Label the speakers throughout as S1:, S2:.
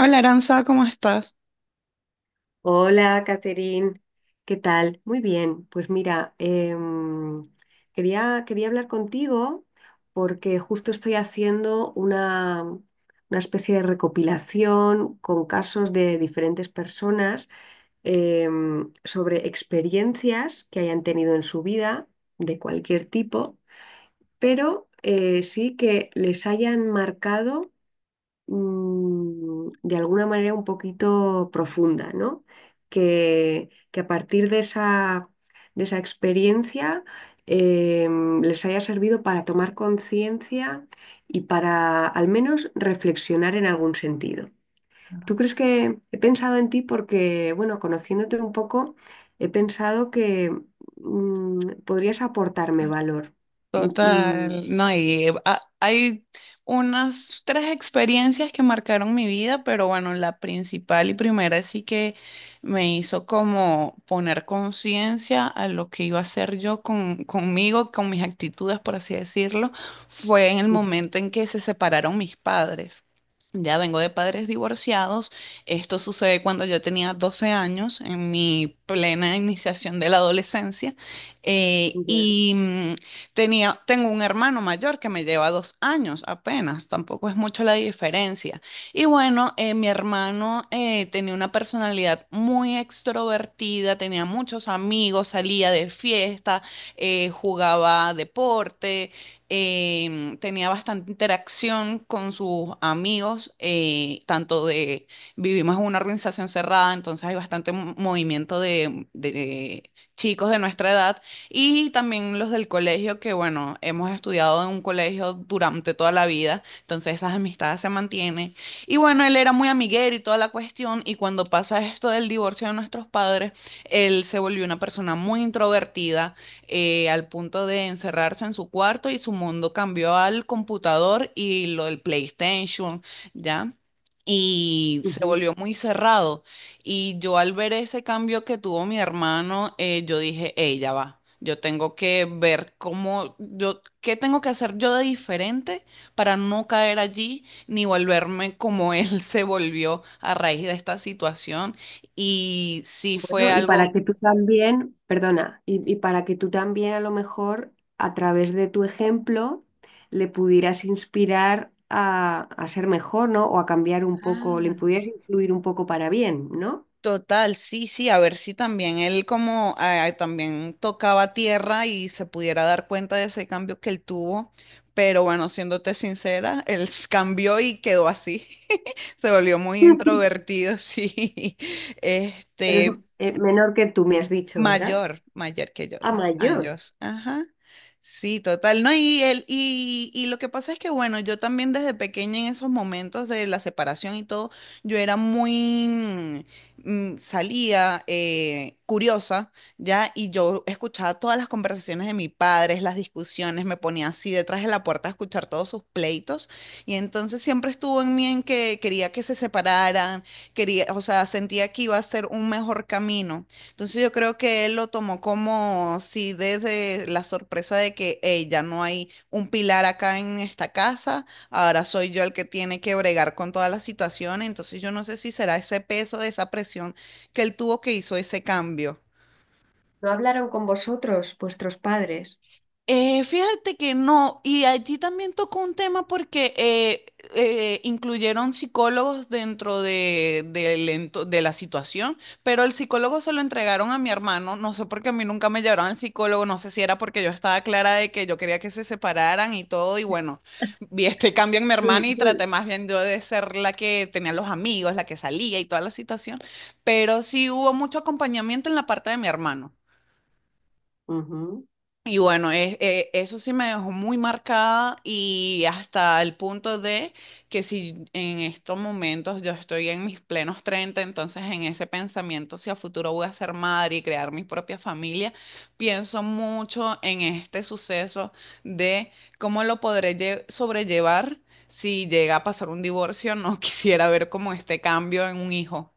S1: Hola Aranza, ¿cómo estás?
S2: Hola, Catherine, ¿qué tal? Muy bien, pues mira, em, quería hablar contigo porque justo estoy haciendo una especie de recopilación con casos de diferentes personas sobre experiencias que hayan tenido en su vida de cualquier tipo, pero sí que les hayan marcado de alguna manera un poquito profunda, ¿no? Que a partir de esa experiencia eh, les haya servido para tomar conciencia y para al menos reflexionar en algún sentido. ¿Tú crees que he pensado en ti porque, bueno, conociéndote un poco, he pensado que mm, podrías aportarme valor? Mm, mm,
S1: Total, no, y hay unas tres experiencias que marcaron mi vida, pero bueno, la principal y primera sí que me hizo como poner conciencia a lo que iba a hacer yo conmigo, con mis actitudes, por así decirlo, fue en el momento en que se separaron mis padres. Ya vengo de padres divorciados. Esto sucede cuando yo tenía 12 años, en mi plena iniciación de la adolescencia. Eh,
S2: ujú, ya,
S1: y mm, Tengo un hermano mayor que me lleva 2 años apenas, tampoco es mucho la diferencia. Y bueno, mi hermano tenía una personalidad muy extrovertida, tenía muchos amigos, salía de fiesta, jugaba deporte, tenía bastante interacción con sus amigos, vivimos en una organización cerrada, entonces hay bastante movimiento de chicos de nuestra edad y también los del colegio, que bueno, hemos estudiado en un colegio durante toda la vida, entonces esas amistades se mantienen. Y bueno, él era muy amiguero y toda la cuestión, y cuando pasa esto del divorcio de nuestros padres, él se volvió una persona muy introvertida, al punto de encerrarse en su cuarto y su mundo cambió al computador y lo del PlayStation, ¿ya? Y se
S2: ujú.
S1: volvió muy cerrado. Y yo al ver ese cambio que tuvo mi hermano, yo dije, ella va, yo tengo que ver cómo, yo, qué tengo que hacer yo de diferente para no caer allí ni volverme como él se volvió a raíz de esta situación. Y sí fue
S2: Bueno, y
S1: algo.
S2: para que tú también, perdona, y para que tú también a lo mejor a través de tu ejemplo le pudieras inspirar a ser mejor, ¿no? O a cambiar un poco, le
S1: Ah.
S2: pudieras influir un poco para bien, ¿no?
S1: Total, sí, sí, a ver si también él como también tocaba tierra y se pudiera dar cuenta de ese cambio que él tuvo, pero bueno, siéndote sincera, él cambió y quedó así, se volvió muy introvertido, sí, este,
S2: Pero es menor que tú me has dicho, ¿verdad?
S1: Mayor, mayor que yo,
S2: A
S1: dos
S2: mayor.
S1: años. Ajá. Sí, total. No, y él, y lo que pasa es que, bueno, yo también desde pequeña en esos momentos de la separación y todo, yo era muy, salía, curiosa, ya, y yo escuchaba todas las conversaciones de mis padres, las discusiones, me ponía así detrás de la puerta a escuchar todos sus pleitos, y entonces siempre estuvo en mí en que quería que se separaran, quería, o sea, sentía que iba a ser un mejor camino. Entonces yo creo que él lo tomó como si desde la sorpresa de que "Ey, ya no hay un pilar acá en esta casa, ahora soy yo el que tiene que bregar con todas las situaciones, entonces yo no sé si será ese peso, esa presión que él tuvo que hizo ese cambio".
S2: ¿No hablaron con vosotros, vuestros padres?
S1: Fíjate que no, y allí también tocó un tema porque incluyeron psicólogos dentro de la situación, pero el psicólogo se lo entregaron a mi hermano, no sé por qué a mí nunca me llevaron al psicólogo, no sé si era porque yo estaba clara de que yo quería que se separaran y todo, y bueno, vi este cambio en mi hermano y traté más bien yo de ser la que tenía los amigos, la que salía y toda la situación, pero sí hubo mucho acompañamiento en la parte de mi hermano.
S2: Ujú.
S1: Y bueno, eso sí me dejó muy marcada y hasta el punto de que si en estos momentos yo estoy en mis plenos 30, entonces en ese pensamiento si a futuro voy a ser madre y crear mi propia familia, pienso mucho en este suceso de cómo lo podré sobrellevar si llega a pasar un divorcio, no quisiera ver como este cambio en un hijo.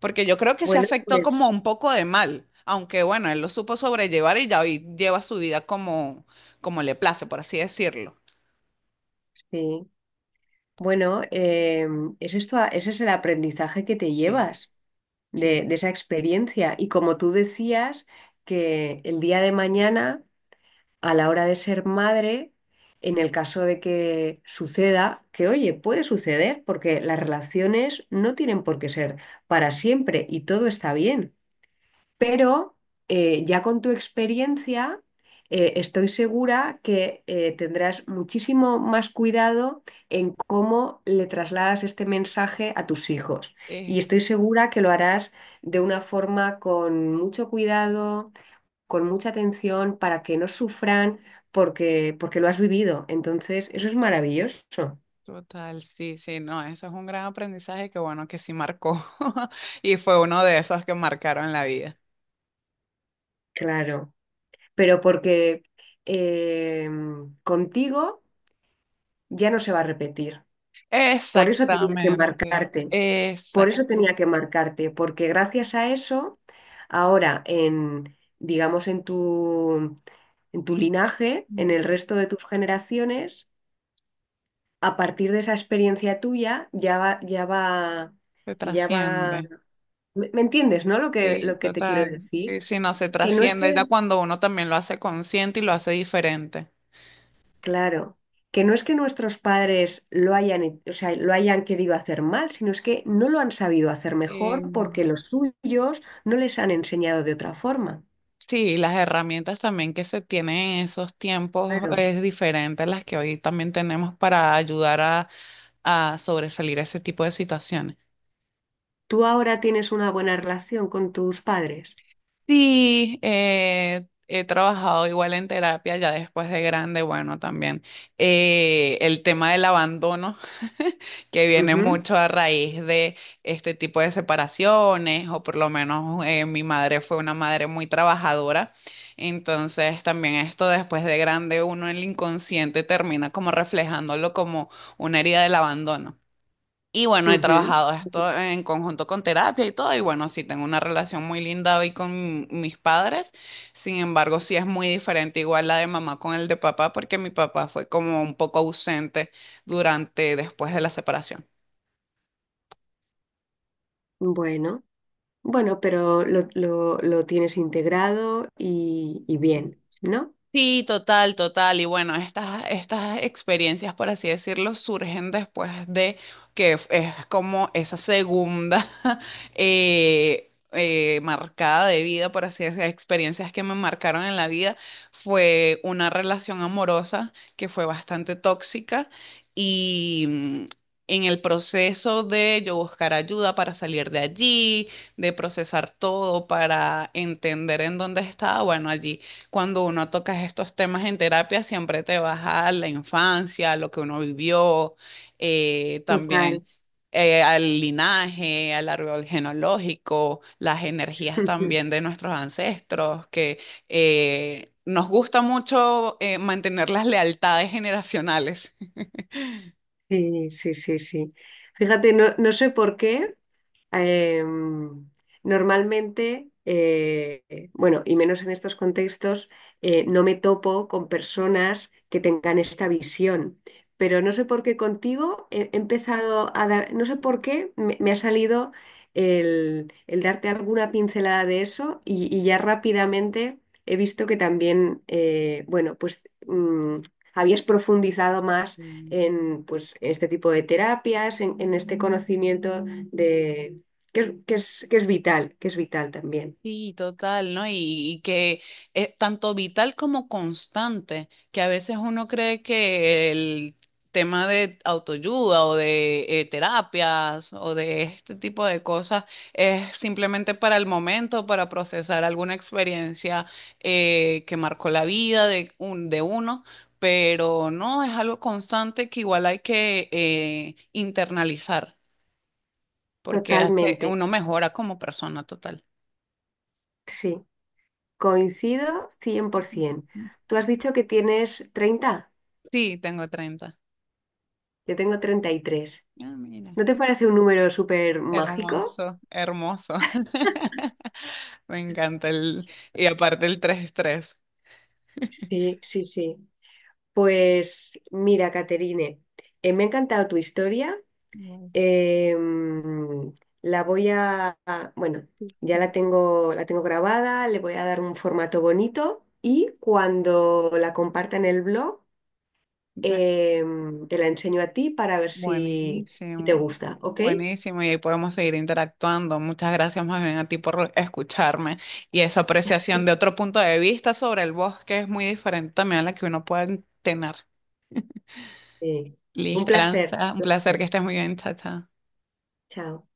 S1: Porque yo creo que se
S2: Bueno,
S1: afectó como
S2: pues
S1: un poco de mal, aunque bueno, él lo supo sobrellevar y ya hoy lleva su vida como, como le place, por así decirlo.
S2: sí. Bueno, es esto, ese es el aprendizaje que te
S1: Sí.
S2: llevas
S1: Sí,
S2: de esa experiencia. Y como tú decías, que el día de mañana, a la hora de ser madre, en el caso de que suceda, que oye, puede suceder, porque las relaciones no tienen por qué ser para siempre y todo está bien. Pero ya con tu experiencia, estoy segura que tendrás muchísimo más cuidado en cómo le trasladas este mensaje a tus hijos.
S1: es
S2: Y estoy segura que lo harás de una forma con mucho cuidado, con mucha atención, para que no sufran porque lo has vivido. Entonces, eso es maravilloso,
S1: total, sí, sí, no, eso es un gran aprendizaje que bueno, que sí marcó y fue uno de esos que marcaron la vida.
S2: claro. Pero porque contigo ya no se va a repetir. Por eso tenía que
S1: Exactamente,
S2: marcarte, por
S1: exacto,
S2: eso tenía que marcarte, porque gracias a eso, ahora digamos, en tu linaje, en el resto de tus generaciones, a partir de esa experiencia tuya, ya va, ya va,
S1: se
S2: ya va.
S1: trasciende.
S2: ¿Me entiendes, no? Lo que,
S1: Sí,
S2: lo que te quiero
S1: total.
S2: decir.
S1: Sí, sí, no, se
S2: Que no es
S1: trasciende ya
S2: que
S1: cuando uno también lo hace consciente y lo hace diferente.
S2: Claro, que no es que nuestros padres lo hayan, o sea, lo hayan querido hacer mal, sino es que no lo han sabido hacer
S1: Eh,
S2: mejor porque los suyos no les han enseñado de otra forma.
S1: Sí, las herramientas también que se tienen en esos tiempos
S2: Claro.
S1: es diferente a las que hoy también tenemos para ayudar a sobresalir ese tipo de situaciones.
S2: ¿Tú ahora tienes una buena relación con tus padres?
S1: Sí, he trabajado igual en terapia ya después de grande, bueno, también el tema del abandono, que viene
S2: Ujú,
S1: mucho a raíz de este tipo de separaciones, o por lo menos mi madre fue una madre muy trabajadora, entonces también esto después de grande uno en el inconsciente termina como reflejándolo como una herida del abandono. Y bueno, he
S2: ujú.
S1: trabajado esto en conjunto con terapia y todo, y bueno, sí tengo una relación muy linda hoy con mis padres, sin embargo, sí es muy diferente igual la de mamá con el de papá, porque mi papá fue como un poco ausente durante, después de la separación.
S2: Bueno, bueno, pero lo tienes integrado y bien, ¿no?
S1: Sí, total, total. Y bueno, estas experiencias, por así decirlo, surgen después de que es como esa segunda marcada de vida, por así decirlo, experiencias que me marcaron en la vida. Fue una relación amorosa que fue bastante tóxica y en el proceso de yo buscar ayuda para salir de allí, de procesar todo, para entender en dónde estaba, bueno, allí cuando uno toca estos temas en terapia, siempre te vas a la infancia, a lo que uno vivió, también
S2: Total.
S1: al linaje, al árbol genealógico, las energías también de nuestros ancestros, que nos gusta mucho mantener las lealtades generacionales.
S2: Sí, sí, sí, sí. Fíjate, no, no sé por qué. Em, normalmente, bueno, y menos en estos contextos, no me topo con personas que tengan esta visión. Pero no sé por qué contigo he empezado a dar, no sé por qué me ha salido el darte alguna pincelada de eso y ya rápidamente he visto que también, bueno, pues mm, habías profundizado más en pues, este tipo de terapias, en este conocimiento que es vital, que es vital también.
S1: Sí, total, ¿no? Y que es tanto vital como constante, que a veces uno cree que el tema de autoayuda o de terapias o de este tipo de cosas es simplemente para el momento, para procesar alguna experiencia que marcó la vida de uno, pero no, es algo constante que igual hay que internalizar, porque hace,
S2: Totalmente,
S1: uno mejora como persona total.
S2: sí, coincido 100%. Tú has dicho que tienes 30.
S1: Sí, tengo 30.
S2: Yo tengo 33.
S1: Ah, mira.
S2: ¿No te parece un número súper mágico?
S1: Hermoso, hermoso. Me encanta el. Y aparte el 33.
S2: Sí, sí, sí. Pues mira, Caterine, me ha encantado tu historia.
S1: Buenísimo.
S2: Em, la voy a- bueno, ya la tengo, grabada, le voy a dar un formato bonito y cuando la comparta en el blog.
S1: Me-
S2: Te la enseño a ti para ver si te
S1: Buenísimo.
S2: gusta, ¿ok?
S1: Buenísimo, y ahí podemos seguir interactuando. Muchas gracias más bien a ti por escucharme y esa apreciación de otro punto de vista sobre el bosque es muy diferente también a la que uno puede tener.
S2: Sí. Un
S1: Listo,
S2: placer,
S1: Aranza,
S2: un
S1: un placer que
S2: placer.
S1: estés muy bien, chacha.
S2: Chao.